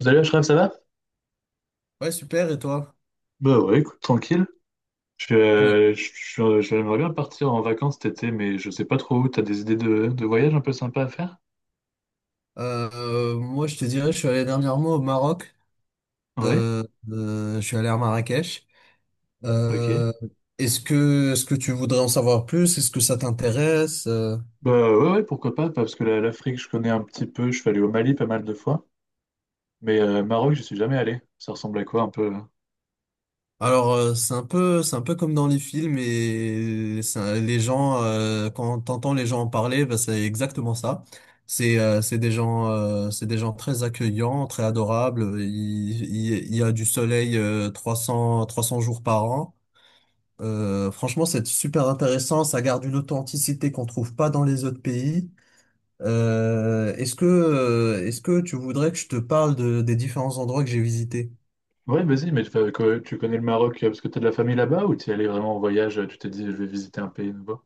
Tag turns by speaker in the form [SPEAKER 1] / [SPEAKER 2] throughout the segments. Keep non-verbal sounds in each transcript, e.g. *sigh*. [SPEAKER 1] Salut Ashraf, ça va?
[SPEAKER 2] Ouais, super, et toi?
[SPEAKER 1] Bah ouais, écoute, tranquille. J'aimerais bien partir en vacances cet été, mais je sais pas trop où. T'as des idées de voyage un peu sympa à faire?
[SPEAKER 2] Moi, je te dirais, je suis allé dernièrement au Maroc.
[SPEAKER 1] Ouais,
[SPEAKER 2] Euh, je suis allé à Marrakech. Euh,
[SPEAKER 1] ok.
[SPEAKER 2] est-ce que tu voudrais en savoir plus? Est-ce que ça t'intéresse? Euh,
[SPEAKER 1] Bah ouais, pourquoi pas, parce que l'Afrique, je connais un petit peu. Je suis allé au Mali pas mal de fois, mais Maroc, je suis jamais allé. Ça ressemble à quoi un peu là?
[SPEAKER 2] alors, euh, c'est un peu comme dans les films et les gens, quand t'entends les gens en parler, bah, c'est exactement ça. C'est c'est des gens très accueillants, très adorables. Il y a du soleil, 300, 300 jours par an. Franchement, c'est super intéressant. Ça garde une authenticité qu'on trouve pas dans les autres pays. Est-ce que tu voudrais que je te parle des différents endroits que j'ai visités?
[SPEAKER 1] Ouais, vas-y, mais tu connais le Maroc, parce que t'as de la famille là-bas ou t'y es allé vraiment en voyage? Tu t'es dit, je vais visiter un pays nouveau?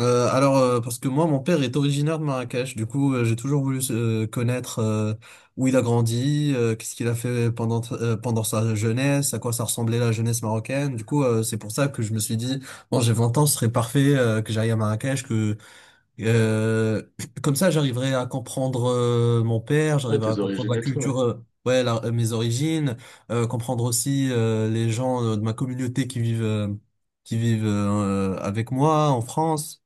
[SPEAKER 2] Alors, parce que moi, mon père est originaire de Marrakech. Du coup, j'ai toujours voulu connaître où il a grandi, qu'est-ce qu'il a fait pendant sa jeunesse, à quoi ça ressemblait la jeunesse marocaine. Du coup, c'est pour ça que je me suis dit, bon, j'ai 20 ans, ce serait parfait que j'aille à Marrakech, que Euh, comme ça, j'arriverai à comprendre mon père,
[SPEAKER 1] Ouais,
[SPEAKER 2] j'arriverai à
[SPEAKER 1] tes
[SPEAKER 2] comprendre
[SPEAKER 1] origines
[SPEAKER 2] la
[SPEAKER 1] et tout, ouais.
[SPEAKER 2] culture, ouais, mes origines, comprendre aussi les gens de ma communauté qui vivent avec moi en France.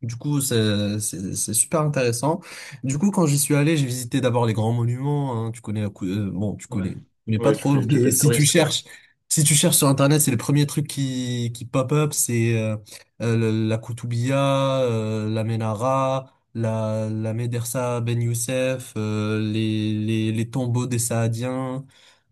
[SPEAKER 2] Du coup, c'est super intéressant. Du coup, quand j'y suis allé, j'ai visité d'abord les grands monuments, hein. Tu connais la cou- Bon, tu
[SPEAKER 1] Ouais,
[SPEAKER 2] connais, mais pas
[SPEAKER 1] ouais, tu
[SPEAKER 2] trop. *laughs*
[SPEAKER 1] fais, tu fais
[SPEAKER 2] Mais
[SPEAKER 1] le
[SPEAKER 2] si tu
[SPEAKER 1] touriste, quoi.
[SPEAKER 2] cherches, si tu cherches sur Internet, c'est le premier truc qui pop up, c'est la Koutoubia, la Menara, la Médersa Ben Youssef, les tombeaux des Saadiens.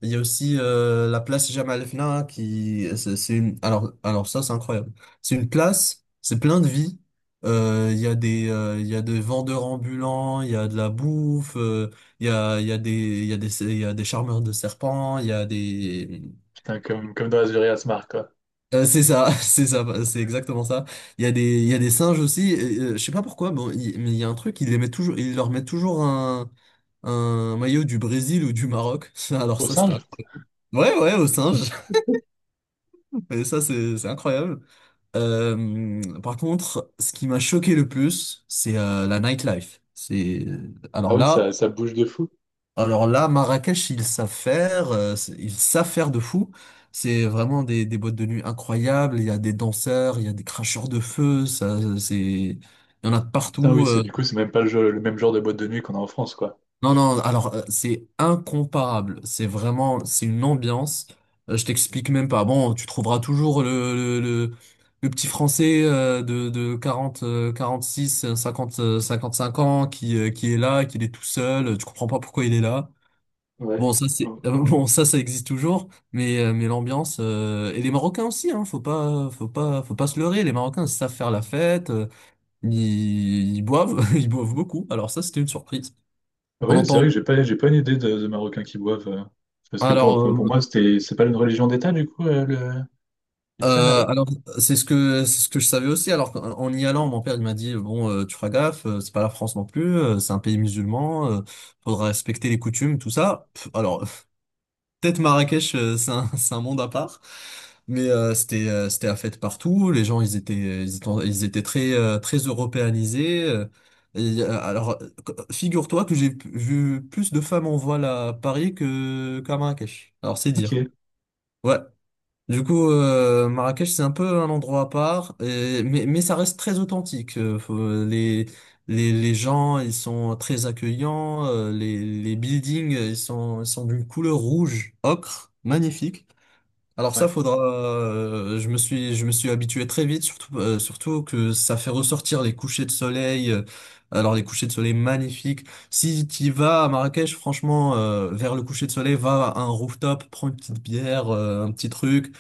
[SPEAKER 2] Il y a aussi la place Jamal Fna qui c'est une alors ça c'est incroyable. C'est une place, c'est plein de vie. Il y a des vendeurs ambulants, il y a de la bouffe, il y a des, il y a des, il y a des charmeurs de serpents, il y a des,
[SPEAKER 1] Putain, comme dans Azuri Smart, quoi.
[SPEAKER 2] C'est ça, *laughs* c'est ça, c'est exactement ça. Il y a des singes aussi. Et, je sais pas pourquoi, bon, mais il y a un truc, ils leur mettent toujours un maillot du Brésil ou du Maroc. *laughs* Alors
[SPEAKER 1] Au
[SPEAKER 2] ça, c'était
[SPEAKER 1] singe?
[SPEAKER 2] incroyable. Ouais, ouais, aux singes. *laughs* Et ça, c'est incroyable. Par contre, ce qui m'a choqué le plus, c'est la nightlife.
[SPEAKER 1] Ah
[SPEAKER 2] Alors
[SPEAKER 1] oui,
[SPEAKER 2] là.
[SPEAKER 1] ça bouge de fou.
[SPEAKER 2] Alors là, Marrakech, ils savent faire, ils savent faire de fou. C'est vraiment des boîtes de nuit incroyables. Il y a des danseurs, il y a des cracheurs de feu. Il y en a de
[SPEAKER 1] Putain, oui,
[SPEAKER 2] partout,
[SPEAKER 1] c'est du coup, c'est même pas le, le même genre de boîte de nuit qu'on a en France, quoi.
[SPEAKER 2] Non, non. C'est incomparable. C'est une ambiance. Je t'explique même pas. Bon, tu trouveras toujours le petit Français de 40 six cinquante- cinq ans qui est là, qui est tout seul. Tu comprends pas pourquoi il est là.
[SPEAKER 1] Ouais.
[SPEAKER 2] Bon, ça
[SPEAKER 1] Euh,
[SPEAKER 2] c'est *laughs* bon, ça existe toujours, mais l'ambiance et les Marocains aussi, hein, faut pas se leurrer, les Marocains savent faire la fête, ils boivent, *laughs* ils boivent beaucoup. Alors ça c'était une surprise.
[SPEAKER 1] Ah
[SPEAKER 2] On
[SPEAKER 1] oui, c'est vrai
[SPEAKER 2] entend
[SPEAKER 1] que j'ai pas une idée de Marocains qui boivent. Parce que
[SPEAKER 2] alors
[SPEAKER 1] pour
[SPEAKER 2] euh,
[SPEAKER 1] moi, c'était, c'est pas une religion d'État, du coup, l'islam là-bas?
[SPEAKER 2] alors c'est ce que je savais aussi. En y allant, mon père il m'a dit bon, tu feras gaffe, c'est pas la France non plus, c'est un pays musulman, faudra respecter les coutumes, tout ça. Pff, alors… *laughs* Peut-être Marrakech, c'est un, *laughs* c'est un monde à part. Mais c'était c'était à fête partout. Les gens, ils étaient très très européanisés. Et, euh, alors, euh, Figure-toi que vu plus de femmes en voile à Paris que qu'à Marrakech. Alors, c'est dire.
[SPEAKER 1] Ok.
[SPEAKER 2] Ouais. Du coup, Marrakech, c'est un peu un endroit à part, mais ça reste très authentique. Les gens, ils sont très accueillants, les buildings, ils sont d'une couleur rouge, ocre, magnifique. Alors
[SPEAKER 1] Ouais.
[SPEAKER 2] ça, faudra, je me suis habitué très vite, surtout que ça fait ressortir les couchers de soleil, alors les couchers de soleil magnifiques. Si tu vas à Marrakech, franchement, vers le coucher de soleil, va à un rooftop, prends une petite bière, un petit truc.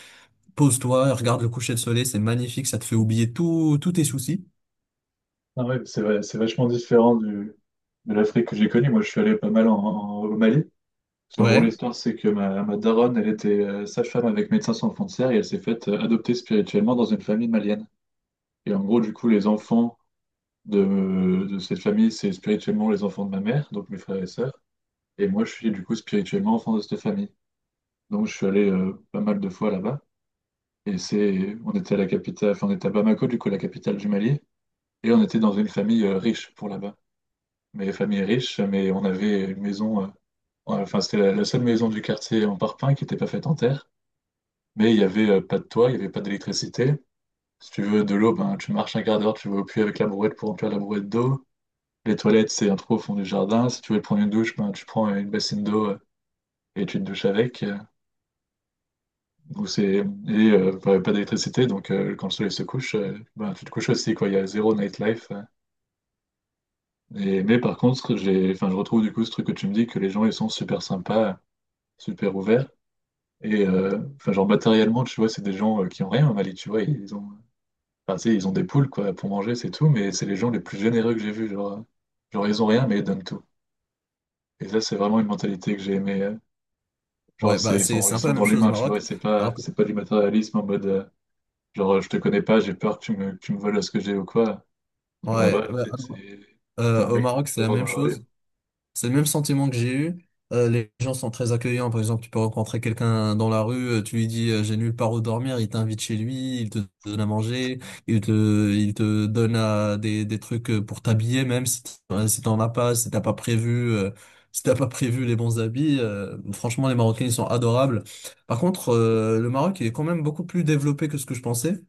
[SPEAKER 2] Pose-toi, regarde le coucher de soleil, c'est magnifique, ça te fait oublier tout, tous tes soucis.
[SPEAKER 1] Ah ouais, c'est vrai, c'est vachement différent du, de l'Afrique que j'ai connue. Moi, je suis allé pas mal au Mali. Parce qu'en gros,
[SPEAKER 2] Ouais.
[SPEAKER 1] l'histoire, c'est que ma daronne, elle était sage-femme avec Médecins Sans Frontières et elle s'est faite adopter spirituellement dans une famille malienne. Et en gros, du coup, les enfants de cette famille, c'est spirituellement les enfants de ma mère, donc mes frères et sœurs. Et moi, je suis du coup spirituellement enfant de cette famille. Donc, je suis allé pas mal de fois là-bas. Et c'est, on était à la capitale, enfin, on était à Bamako, du coup, la capitale du Mali. Et on était dans une famille riche pour là-bas. Mais famille riche, mais on avait une maison, enfin, c'était la seule maison du quartier en parpaing qui n'était pas faite en terre. Mais il y avait pas de toit, il n'y avait pas d'électricité. Si tu veux de l'eau, ben, tu marches un quart d'heure, tu vas au puits avec la brouette pour remplir la brouette d'eau. Les toilettes, c'est un trou au fond du jardin. Si tu veux prendre une douche, ben, tu prends une bassine d'eau, et tu te douches avec. Et bah, pas d'électricité, donc quand le soleil se couche, ben, tu te couches aussi, quoi. Il y a zéro nightlife. Et... Mais par contre, j'ai... Enfin, je retrouve du coup ce truc que tu me dis, que les gens, ils sont super sympas, super ouverts. Et enfin, genre matériellement, tu vois, c'est des gens qui ont rien au Mali, tu vois. Ils ont... Enfin, tu sais, ils ont des poules, quoi, pour manger, c'est tout. Mais c'est les gens les plus généreux que j'ai vus. Genre, genre, ils ont rien, mais ils donnent tout. Et ça, c'est vraiment une mentalité que j'ai aimée. Genre,
[SPEAKER 2] Ouais,
[SPEAKER 1] c'est,
[SPEAKER 2] bah c'est
[SPEAKER 1] ils
[SPEAKER 2] un peu
[SPEAKER 1] sont
[SPEAKER 2] la
[SPEAKER 1] dans
[SPEAKER 2] même chose au
[SPEAKER 1] l'humain, tu vois,
[SPEAKER 2] Maroc. Alors que,
[SPEAKER 1] c'est pas du matérialisme en mode, genre, je te connais pas, j'ai peur que que tu me voles ce que j'ai ou quoi. Genre,
[SPEAKER 2] ouais,
[SPEAKER 1] là-bas,
[SPEAKER 2] ouais,
[SPEAKER 1] c'était un
[SPEAKER 2] au
[SPEAKER 1] mec que
[SPEAKER 2] Maroc,
[SPEAKER 1] tu
[SPEAKER 2] c'est
[SPEAKER 1] vas
[SPEAKER 2] la
[SPEAKER 1] voir
[SPEAKER 2] même
[SPEAKER 1] dans la rue.
[SPEAKER 2] chose. C'est le même sentiment que j'ai eu. Les gens sont très accueillants. Par exemple, tu peux rencontrer quelqu'un dans la rue, tu lui dis, j'ai nulle part où dormir, il t'invite chez lui, il te donne à manger, il te donne à des trucs pour t'habiller, même si t'en as pas, si t'as pas prévu, si t'as pas prévu les bons habits. Franchement, les Marocains, ils sont adorables. Par contre, le Maroc, il est quand même beaucoup plus développé que ce que je pensais.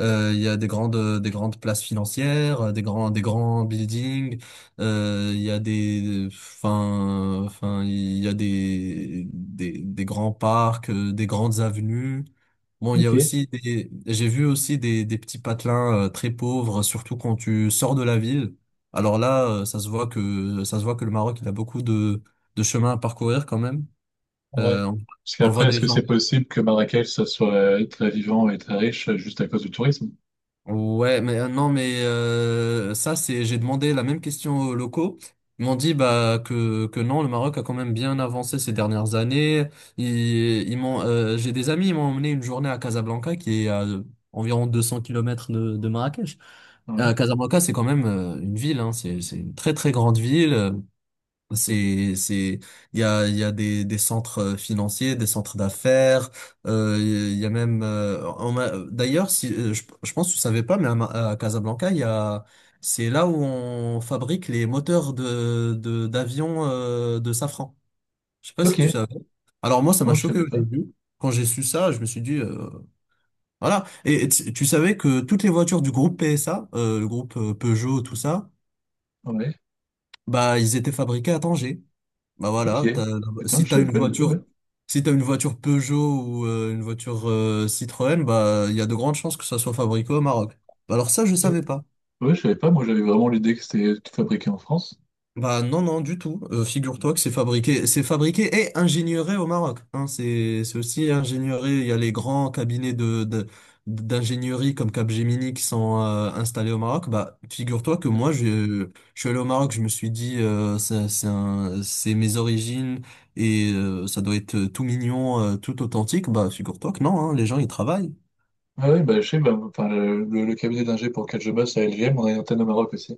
[SPEAKER 2] Il y a des grandes places financières, des grands buildings. Il y a des, enfin, enfin, il y a des grands parcs, des grandes avenues. Bon, il y a
[SPEAKER 1] Ok,
[SPEAKER 2] aussi des, j'ai vu aussi des petits patelins très pauvres, surtout quand tu sors de la ville. Alors là, ça se voit que le Maroc, il a beaucoup de chemin à parcourir quand même. Euh,
[SPEAKER 1] ouais.
[SPEAKER 2] on
[SPEAKER 1] Parce
[SPEAKER 2] on voit
[SPEAKER 1] qu'après, est-ce
[SPEAKER 2] des
[SPEAKER 1] que
[SPEAKER 2] gens.
[SPEAKER 1] c'est possible que Marrakech, ça soit très vivant et très riche, juste à cause du tourisme?
[SPEAKER 2] Non, ça, j'ai demandé la même question aux locaux. Ils m'ont dit bah que non, le Maroc a quand même bien avancé ces dernières années. J'ai des amis, ils m'ont emmené une journée à Casablanca, qui est à environ 200 kilomètres de Marrakech.
[SPEAKER 1] Ouais.
[SPEAKER 2] Casablanca, c'est quand même une ville, hein, c'est une très très grande ville. C'est, il y a, Il y a des centres financiers, des centres d'affaires, il y a même, d'ailleurs, si, je pense que tu savais pas, mais à Casablanca, c'est là où on fabrique les moteurs d'avions, de safran. Je sais pas
[SPEAKER 1] Ok,
[SPEAKER 2] si tu savais. Alors moi, ça m'a
[SPEAKER 1] bon, je
[SPEAKER 2] choqué
[SPEAKER 1] savais
[SPEAKER 2] au
[SPEAKER 1] pas.
[SPEAKER 2] début. Quand j'ai su ça, je me suis dit, voilà. Et, tu savais que toutes les voitures du groupe PSA, le groupe Peugeot, tout ça,
[SPEAKER 1] Ouais.
[SPEAKER 2] bah, ils étaient fabriqués à Tanger. Bah
[SPEAKER 1] Ok,
[SPEAKER 2] voilà,
[SPEAKER 1] putain,
[SPEAKER 2] si
[SPEAKER 1] je
[SPEAKER 2] t'as
[SPEAKER 1] savais
[SPEAKER 2] une
[SPEAKER 1] pas du tout,
[SPEAKER 2] voiture,
[SPEAKER 1] ouais.
[SPEAKER 2] si t'as une voiture Peugeot ou une voiture Citroën, bah il y a de grandes chances que ça soit fabriqué au Maroc. Bah alors ça, je
[SPEAKER 1] Ok.
[SPEAKER 2] savais pas.
[SPEAKER 1] Ouais, je savais pas, moi j'avais vraiment l'idée que c'était tout fabriqué en France.
[SPEAKER 2] Bah non, non, du tout. Figure-toi que c'est fabriqué et ingénieur au Maroc. Hein, c'est aussi ingénieur. Il y a les grands cabinets d'ingénierie comme Capgemini qui sont installés au Maroc. Bah figure-toi que
[SPEAKER 1] Ouais,
[SPEAKER 2] je suis allé au Maroc, je me suis dit, c'est mes origines et ça doit être tout mignon, tout authentique. Bah figure-toi que non, hein, les gens ils travaillent.
[SPEAKER 1] ah ouais, bah je sais, bah, enfin, le cabinet d'ingé pour lequel je bosse à LGM, on a une antenne au Maroc aussi.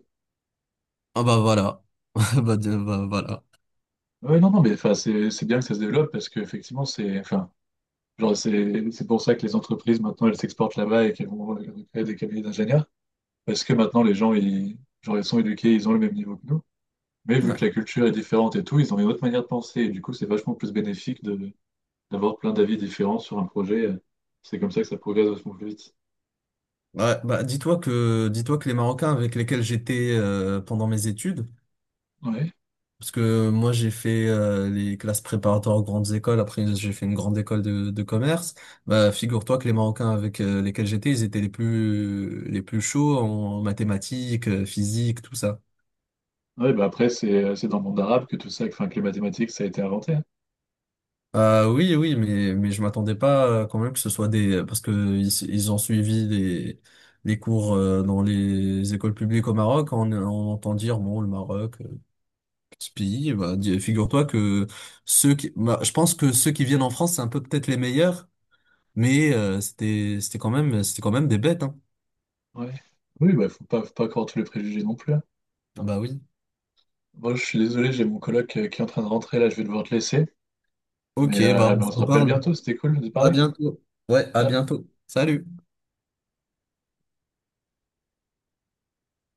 [SPEAKER 2] Ah bah voilà. *laughs* Bah voilà.
[SPEAKER 1] Oui, non, non, mais enfin, c'est bien que ça se développe parce qu'effectivement, c'est enfin, genre, c'est pour ça que les entreprises maintenant elles s'exportent là-bas et qu'elles vont créer des cabinets d'ingénieurs parce que maintenant les gens ils, genre, ils sont éduqués, ils ont le même niveau que nous. Mais vu que la culture est différente et tout, ils ont une autre manière de penser et du coup, c'est vachement plus bénéfique de d'avoir plein d'avis différents sur un projet. C'est comme ça que ça progresse vachement plus vite.
[SPEAKER 2] Ouais, bah dis-toi que les Marocains avec lesquels j'étais pendant mes études, parce que moi j'ai fait les classes préparatoires aux grandes écoles, après j'ai fait une grande école de commerce, bah figure-toi que les Marocains avec lesquels j'étais, ils étaient les plus chauds en mathématiques, physique, tout ça.
[SPEAKER 1] Ouais, bah après, c'est dans le monde arabe que tout ça, enfin, que les mathématiques, ça a été inventé, hein.
[SPEAKER 2] Ah oui, oui, mais je m'attendais pas quand même que ce soit des, parce que ils ont suivi les cours dans les écoles publiques au Maroc, on entend dire bon le Maroc. Ce pays, bah, figure-toi que je pense que ceux qui viennent en France, c'est un peu peut-être les meilleurs, c'était quand même des bêtes, hein.
[SPEAKER 1] Ouais. Oui, bah faut pas croire tous les préjugés non plus, hein.
[SPEAKER 2] Ah bah oui.
[SPEAKER 1] Moi, je suis désolé, j'ai mon coloc qui est en train de rentrer là, je vais devoir te laisser.
[SPEAKER 2] Ok, bah on
[SPEAKER 1] Mais on
[SPEAKER 2] se
[SPEAKER 1] se rappelle
[SPEAKER 2] reparle.
[SPEAKER 1] bientôt, c'était cool de
[SPEAKER 2] À
[SPEAKER 1] parler.
[SPEAKER 2] bientôt. Ouais, à
[SPEAKER 1] Ciao.
[SPEAKER 2] bientôt. Salut.